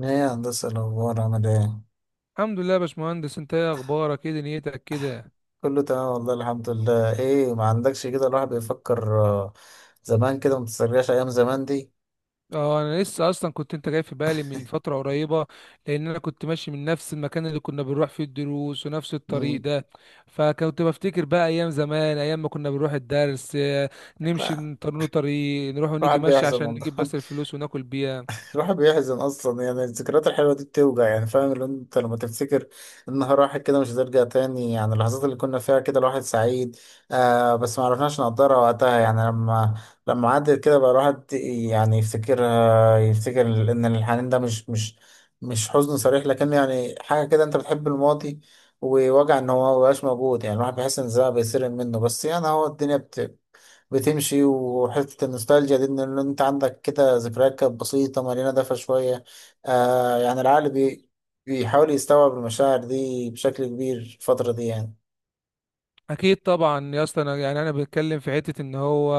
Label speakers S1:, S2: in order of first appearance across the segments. S1: ايه يا هندسة، الأخبار عامل ايه؟
S2: الحمد لله يا باشمهندس، انت ايه اخبارك؟ ايه دنيتك كده؟
S1: كله تمام والله الحمد لله. ايه ما عندكش كده، الواحد بيفكر، زمان كده ما تسترجعش أيام زمان دي.
S2: اه، انا لسه اصلا كنت انت جاي في بالي من فتره قريبه، لان انا كنت ماشي من نفس المكان اللي كنا بنروح فيه الدروس ونفس الطريق
S1: مم،
S2: ده. فكنت بفتكر بقى ايام زمان، ايام ما كنا بنروح الدرس. اه، نمشي
S1: لا،
S2: نطرنوا طريق، نروح ونيجي
S1: الواحد
S2: ماشي
S1: بيحزن
S2: عشان نجيب
S1: والله.
S2: بس الفلوس وناكل بيها.
S1: الواحد بيحزن اصلا، يعني الذكريات الحلوه دي بتوجع، يعني فاهم اللي انت لما تفتكر النهار راحت كده مش هترجع تاني. يعني اللحظات اللي كنا فيها كده الواحد سعيد، بس ما عرفناش نقدرها وقتها، يعني لما عدت كده بقى الواحد يعني يفتكرها، يفتكر ان الحنين ده مش حزن صريح، لكن يعني حاجه كده، انت بتحب الماضي ووجع ان هو مبقاش موجود. يعني الواحد بيحس ان الزمن بيسرق منه، بس يعني هو الدنيا بتمشي. وحتة النوستالجيا دي إن أنت عندك كده ذكريات كانت بسيطة مليانة دفى شوية. يعني العقل بيحاول يستوعب المشاعر دي بشكل كبير الفترة دي يعني.
S2: اكيد طبعا يا اسطى، انا يعني انا بتكلم في حته ان هو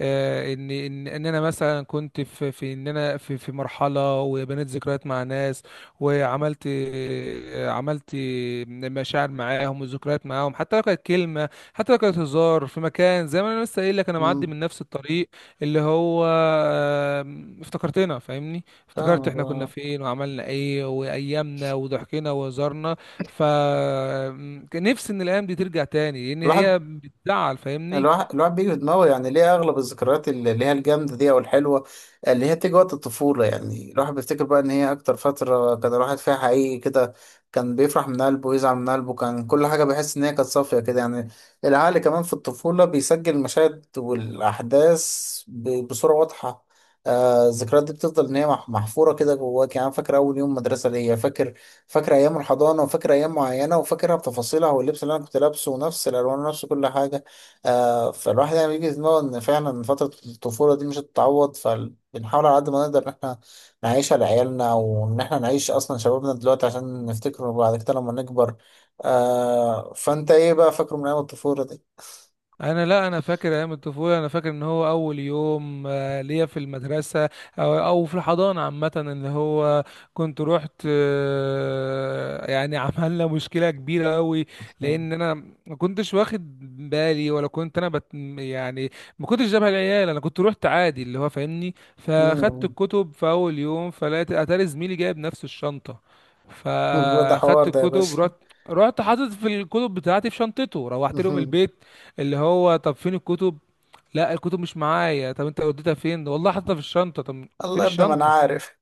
S2: ان انا مثلا كنت في ان انا في مرحله وبنيت ذكريات مع ناس، وعملت، عملت مشاعر معاهم وذكريات معاهم، حتى لو كانت كلمه، حتى لو كانت هزار في مكان. زي ما انا لسه قايل لك، انا معدي
S1: مم.
S2: من نفس الطريق اللي هو افتكرتنا، فاهمني؟ افتكرت احنا كنا
S1: فاهم.
S2: فين وعملنا ايه وايامنا وضحكنا وهزارنا. فنفسي ان الايام دي ترجع تاني، لان
S1: الواحد
S2: هي بتزعل، فاهمني؟
S1: الواحد بيجي في دماغه، يعني ليه اغلب الذكريات اللي هي الجامده دي او الحلوه اللي هي بتيجي وقت الطفوله. يعني الواحد بيفتكر بقى ان هي اكتر فتره كان الواحد فيها حقيقي كده، كان بيفرح من قلبه ويزعل من قلبه، كان كل حاجه بيحس ان هي كانت صافيه كده يعني. العقل كمان في الطفوله بيسجل المشاهد والاحداث بصوره واضحه. الذكريات دي بتفضل ان هي محفوره كده جواك. يعني أنا فاكر اول يوم مدرسه ليا، فاكر، فاكر ايام الحضانه وفاكر ايام معينه وفاكرها بتفاصيلها واللبس اللي انا كنت لابسه ونفس الالوان ونفس كل حاجه. فالواحد يعني بيجي في دماغه ان فعلا فترة الطفولة دي مش هتتعوض، فبنحاول على قد ما نقدر ان احنا نعيشها لعيالنا وان احنا نعيش اصلا شبابنا دلوقتي عشان نفتكره بعد كده لما نكبر. فانت ايه بقى فاكره من ايام الطفولة دي؟
S2: انا لا، انا فاكر ايام الطفوله. انا فاكر ان هو اول يوم ليا في المدرسه او او في الحضانه عامه، ان هو كنت رحت، يعني عملنا مشكله كبيره قوي. لان انا ما كنتش واخد بالي، ولا كنت انا بت يعني ما كنتش جابها العيال. انا كنت رحت عادي اللي هو فاهمني، فاخدت
S1: مم.
S2: الكتب في اول يوم، فلقيت اتاري زميلي جايب نفس الشنطه.
S1: ده حوار
S2: فاخدت
S1: ده يا
S2: الكتب،
S1: باشا.
S2: رحت حاطط في الكتب بتاعتي في شنطته، روحت لهم البيت. اللي هو طب فين الكتب؟ لا الكتب مش معايا. طب انت وديتها فين؟ والله حاططها في الشنطه. طب فين
S1: الله يا ابني، ما انا
S2: الشنطه؟
S1: عارف.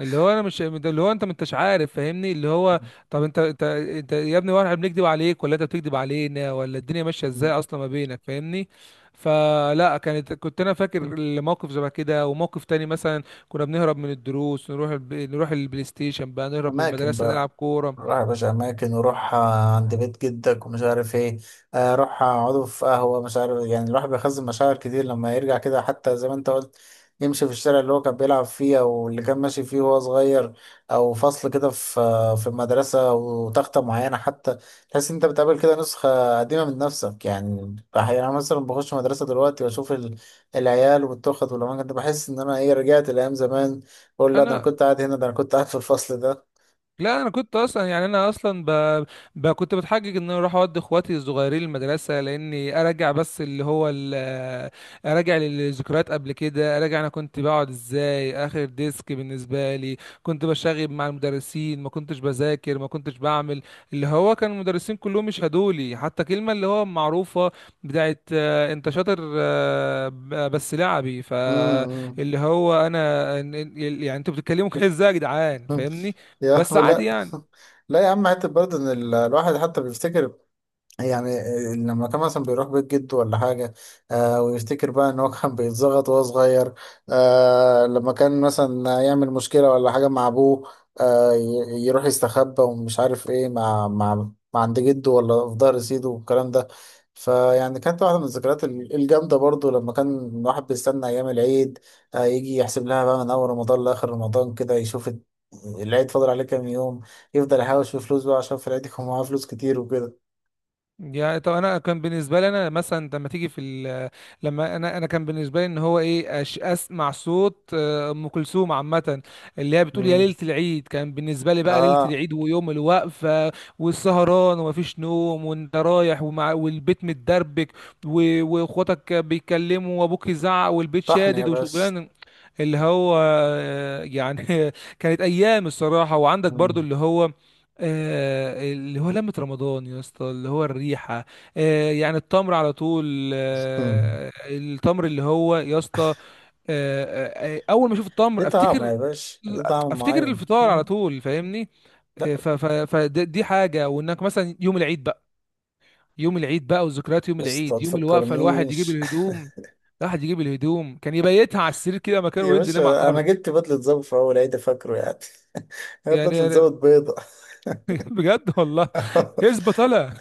S2: اللي هو انا مش اللي هو انت ما انتش عارف، فاهمني؟ اللي هو طب انت يا ابني، واحنا بنكذب عليك ولا انت بتكذب علينا ولا الدنيا ماشيه ازاي اصلا ما بينك، فاهمني؟ فلا، كانت كنت انا فاكر الموقف شبه كده. وموقف تاني مثلا كنا بنهرب من الدروس، نروح الب... نروح البلاي ستيشن بقى، نهرب من
S1: اماكن
S2: المدرسه نلعب
S1: بقى،
S2: كوره.
S1: روح يا باشا، أماكن، وروح عند بيت جدك ومش عارف إيه. روح اقعدوا في قهوة مش عارف. يعني الواحد بيخزن مشاعر كتير لما يرجع كده، حتى زي ما أنت قلت يمشي في الشارع اللي هو كان بيلعب فيه أو اللي كان ماشي فيه وهو صغير، أو فصل كده في، في المدرسة، وتختة معينة حتى. تحس إن أنت بتقابل كده نسخة قديمة من نفسك. يعني أحيانا مثلا بخش مدرسة دلوقتي وأشوف العيال والتخت والأماكن دي، بحس إن أنا إيه، رجعت لأيام زمان. بقول لا، ده أنا
S2: انا
S1: كنت قاعد هنا، ده أنا كنت قاعد في الفصل ده.
S2: لا، انا كنت اصلا يعني انا اصلا ب... ب... كنت بتحجج ان انا اروح اودي اخواتي الصغيرين المدرسه، لاني ارجع بس اللي هو ال... ارجع للذكريات قبل كده. ارجع، انا كنت بقعد ازاي اخر ديسك بالنسبه لي، كنت بشاغب مع المدرسين، ما كنتش بذاكر ما كنتش بعمل اللي هو. كان المدرسين كلهم يشهدوا لي، حتى كلمه اللي هو معروفه بتاعت انت شاطر، بس لعبي.
S1: مم.
S2: فاللي هو انا يعني انتوا بتتكلموا كده ازاي يا جدعان، فاهمني؟
S1: يا
S2: بس
S1: عم
S2: عادي
S1: لا.
S2: يعني.
S1: لا يا عم، حتى برضه ان الواحد حتى بيفتكر، يعني لما كان مثلا بيروح بيت جده ولا حاجة. ويفتكر بقى إن هو كان بيتزغط وهو صغير. لما كان مثلا يعمل مشكلة ولا حاجة مع أبوه، يروح يستخبى ومش عارف إيه، مع مع عند جده ولا في ظهر سيده والكلام ده. فيعني كانت واحدة من الذكريات الجامدة برضو لما كان الواحد بيستنى أيام العيد. يجي يحسب لها بقى من أول رمضان لآخر رمضان كده، يشوف العيد فاضل عليه كام يوم، يفضل يحوش في فلوس بقى عشان في العيد يكون معاه فلوس كتير وكده.
S2: يعني طب انا كان بالنسبه لي، انا مثلا لما تيجي في ال- لما انا انا كان بالنسبه لي ان هو ايه، أش اسمع صوت ام كلثوم عامه، اللي هي بتقول يا
S1: مم.
S2: ليله العيد. كان بالنسبه لي بقى ليله
S1: اه،
S2: العيد ويوم الوقفه والسهران ومفيش نوم، وانت رايح، ومع والبيت متدربك، واخواتك بيتكلموا وابوك يزعق والبيت
S1: طحن يا
S2: شادد
S1: باشا.
S2: وشغلان. اللي هو يعني كانت ايام الصراحه. وعندك برضو
S1: مم.
S2: اللي هو، اللي هو لمة رمضان يا اسطى، اللي هو الريحة، يعني التمر على طول،
S1: مم.
S2: التمر اللي هو يا اسطى. اول ما اشوف
S1: ليه
S2: التمر
S1: طعم
S2: افتكر،
S1: يا باشا، ليه طعم
S2: افتكر
S1: معين.
S2: الفطار على
S1: مم.
S2: طول، فاهمني؟
S1: لا،
S2: فدي حاجة. وانك مثلا يوم العيد بقى، يوم العيد بقى، وذكريات يوم
S1: يا اسطى ما
S2: العيد، يوم الوقفة، الواحد يجيب
S1: تفكرنيش.
S2: الهدوم. الواحد يجيب الهدوم كان يبيتها على السرير كده مكانه
S1: يا
S2: وينزل ينام على
S1: باشا انا
S2: الارض.
S1: جبت بدلة ظابط في اول عيد فاكره يعني. هي
S2: يعني
S1: بدلة
S2: يعني
S1: ظابط بيضة.
S2: بجد والله يثبت طالع.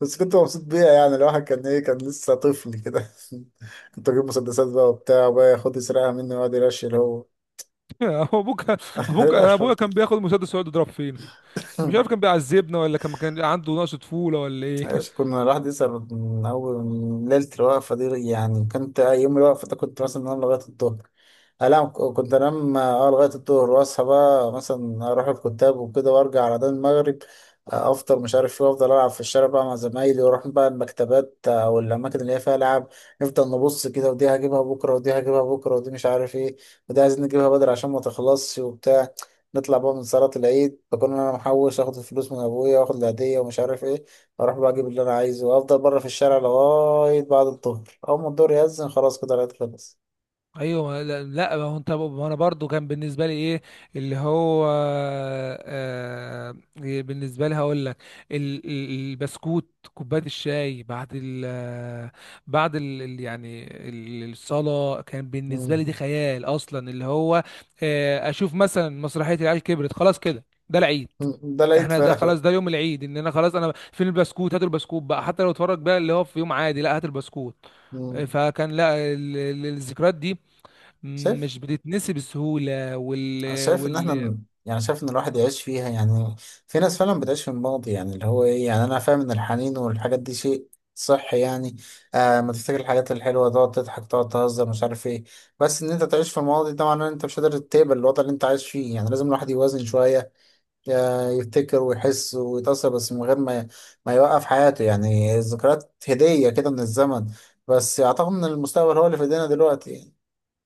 S1: بس كنت مبسوط بيها، يعني الواحد كان ايه، كان لسه طفل كده. كنت اجيب مسدسات بقى وبتاع، وبقى ياخد يسرقها مني ويقعد يرشي هو.
S2: هو ابوك؟ ابوك؟
S1: إيه
S2: أنا
S1: القرف
S2: ابويا كان بياخد مسدس ويقعد يضرب فينا.
S1: ده؟
S2: كان مش عارف كان بيعذبنا ولا كان عنده نقص طفوله ولا ايه.
S1: ماشي، كنا الواحد يسهر من أول من ليلة الوقفة دي. يعني كنت يوم الوقفة ده كنت مثلا أنام لغاية الظهر، أنام، كنت أنام لغاية الظهر، وأصحى بقى مثلا أروح الكتاب وكده وأرجع على ده المغرب. أفطر مش عارف إيه، وأفضل ألعب في الشارع بقى مع زمايلي، وأروح بقى المكتبات، أو الأماكن اللي هي فيها ألعاب. نفضل نبص كده، ودي هجيبها بكرة، ودي هجيبها بكرة، ودي مش عارف إيه، ودي عايزين نجيبها بدري عشان ما تخلصش وبتاع. نطلع بقى من صلاة العيد بكون أنا محوش، آخد الفلوس من أبويا وآخد العيدية ومش عارف إيه، اروح بقى اجيب اللي انا عايزه، وافضل بره في الشارع لغايه بعد الظهر، اول ما الظهر يأذن خلاص كده العيد خلص.
S2: ايوه. لا لا، ما هو انت، ما انا برضو كان بالنسبه لي ايه اللي هو، آه بالنسبه لي هقول لك. البسكوت، كوبايه الشاي بعد ال بعد ال يعني الصلاه، كان بالنسبه
S1: مم.
S2: لي دي خيال اصلا. اللي هو آه اشوف مثلا مسرحيه العيال كبرت، خلاص كده ده العيد.
S1: مم. ده العيد
S2: احنا ده
S1: فعلا.
S2: خلاص، ده يوم العيد، ان انا خلاص. انا فين البسكوت؟ هات البسكوت بقى. حتى لو اتفرج بقى اللي هو في يوم عادي، لا هات البسكوت.
S1: مم.
S2: فكان لا، الذكريات دي
S1: شايف،
S2: مش بتتنسي بسهولة.
S1: أنا
S2: وال...
S1: شايف ان احنا
S2: وال...
S1: يعني شايف ان الواحد يعيش فيها يعني. في ناس فعلا بتعيش في الماضي، يعني اللي هو ايه، يعني انا فاهم ان الحنين والحاجات دي شيء صح يعني. ما تفتكر الحاجات الحلوه، تقعد تضحك تقعد تهزر مش عارف ايه. بس ان انت تعيش في الماضي ده معناه ان انت مش قادر تقبل الوضع اللي انت عايش فيه، يعني لازم الواحد يوازن شويه. يعني يفتكر ويحس ويتأثر، بس من غير ما يوقف حياته. يعني الذكريات هدية كده من الزمن، بس أعتقد إن المستقبل هو اللي في إيدينا دلوقتي يعني.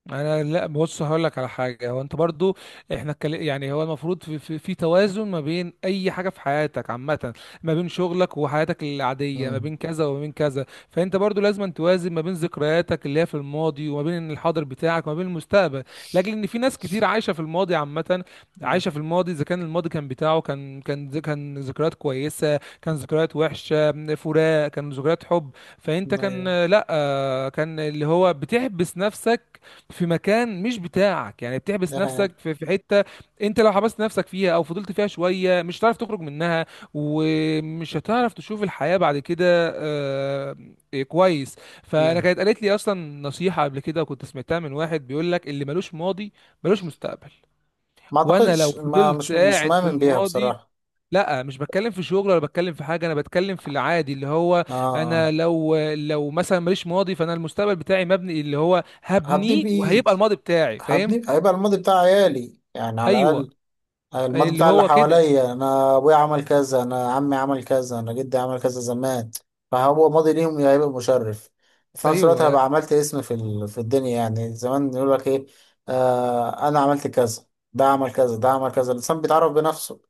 S2: انا لا، بص هقول لك على حاجه. هو انت برضو، احنا اتكل- يعني هو المفروض في توازن ما بين اي حاجه في حياتك عامه، ما بين شغلك وحياتك العاديه، ما
S1: مم.
S2: بين كذا وما بين كذا. فانت برضو لازم توازن ما بين ذكرياتك اللي هي في الماضي، وما بين الحاضر بتاعك، وما بين المستقبل. لاجل ان في ناس كتير عايشه في الماضي عامه،
S1: مم.
S2: عايشه في الماضي. اذا كان الماضي كان بتاعه كان ذكريات كويسه، كان ذكريات وحشه، فراق، كان ذكريات حب، فانت
S1: ايوه،
S2: كان لا كان اللي هو بتحبس نفسك في مكان مش بتاعك. يعني بتحبس
S1: ده حقيقة.
S2: نفسك في حته، انت لو حبست نفسك فيها او فضلت فيها شويه مش هتعرف تخرج منها، ومش هتعرف تشوف الحياه بعد كده. آه، إيه، كويس. فانا
S1: مم.
S2: كانت قالت لي اصلا نصيحه قبل كده، كنت سمعتها من واحد بيقول لك: اللي ملوش ماضي ملوش مستقبل.
S1: ما
S2: وانا لو
S1: أعتقدش، ما
S2: فضلت
S1: مش
S2: قاعد في
S1: مؤمن بيها
S2: الماضي،
S1: بصراحة.
S2: لا مش بتكلم في شغل ولا بتكلم في حاجه، انا بتكلم في العادي اللي هو.
S1: آه آه.
S2: انا لو مثلا ماليش ماضي، فانا المستقبل بتاعي مبني اللي هو
S1: هبني
S2: هبنيه، وهيبقى
S1: بإيدي،
S2: الماضي بتاعي، فاهم؟
S1: هبني، هيبقى الماضي بتاع عيالي يعني، على
S2: ايوه،
S1: الأقل الماضي
S2: اللي
S1: بتاع اللي
S2: هو كده.
S1: حواليا. انا ابويا عمل كذا، انا عمي عمل كذا، انا جدي عمل كذا زمان، فهو ماضي ليهم هيبقى مشرف. في نفس الوقت هبقى
S2: ايوه
S1: عملت اسم في في الدنيا، يعني زمان يقول لك ايه، انا عملت كذا، ده عمل كذا، ده عمل كذا، الانسان بيتعرف بنفسه.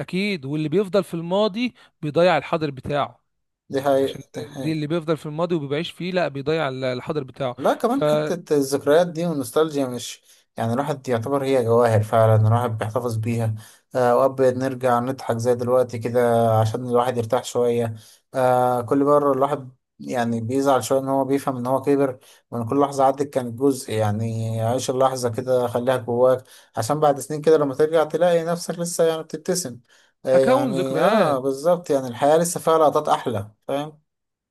S2: اكيد. واللي بيفضل في الماضي بيضيع الحاضر بتاعه.
S1: دي
S2: عشان
S1: حقيقة.
S2: دي، اللي بيفضل في الماضي وبيعيش فيه، لا بيضيع الحاضر بتاعه.
S1: لا كمان
S2: فاكون
S1: حتة الذكريات دي والنوستالجيا مش، يعني الواحد يعتبر هي جواهر فعلا، الواحد بيحتفظ بيها. وأوقات بنرجع نضحك زي دلوقتي كده عشان الواحد يرتاح شوية. كل مرة الواحد يعني بيزعل شوية إن هو بيفهم إن هو كبر، وإن كل لحظة عدت كانت جزء. يعني عيش اللحظة كده، خليها جواك عشان بعد سنين كده لما ترجع تلاقي نفسك لسه يعني بتبتسم. يعني آه،
S2: ذكريات.
S1: بالظبط، يعني الحياة لسه فيها لقطات أحلى، فاهم؟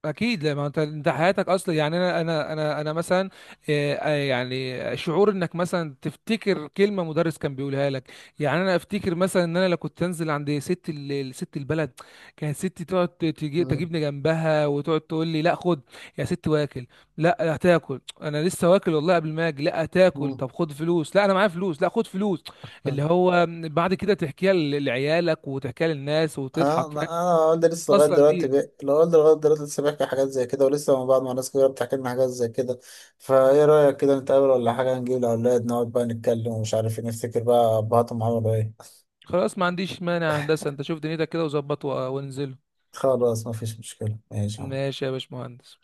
S2: اكيد، لا ما انت، انت حياتك اصلا يعني انا مثلا يعني شعور انك مثلا تفتكر كلمه مدرس كان بيقولها لك. يعني انا افتكر مثلا ان انا لو كنت انزل عند ست ال- ست البلد، كانت ستي تقعد تجي
S1: مم.
S2: تجيبني جنبها وتقعد تقول لي: لا خد يا ست واكل. لا هتاكل. انا لسه واكل والله قبل ما اجي. لا هتاكل. طب خد فلوس. لا انا معايا فلوس. لا خد فلوس. اللي
S1: مم.
S2: هو بعد كده تحكيها ل- لعيالك وتحكيها للناس
S1: اه،
S2: وتضحك،
S1: انا
S2: فاهم؟
S1: والدي لسه لغايه
S2: تتأثر
S1: دلوقتي
S2: بيها.
S1: لو والدي لغايه دلوقتي لسه بيحكي حاجات زي كده، ولسه من بعض ما ناس كبيره بتحكي لنا حاجات زي كده. فايه رايك كده نتقابل ولا حاجه، نجيب الاولاد نقعد بقى نتكلم ومش عارف إيه، نفتكر بقى ابهاتهم عملوا ايه.
S2: خلاص ما عنديش مانع يا هندسة. انت شوف دنيتك كده وظبط وانزله.
S1: خلاص، مفيش مشكله، ماشي.
S2: ماشي يا باشمهندس.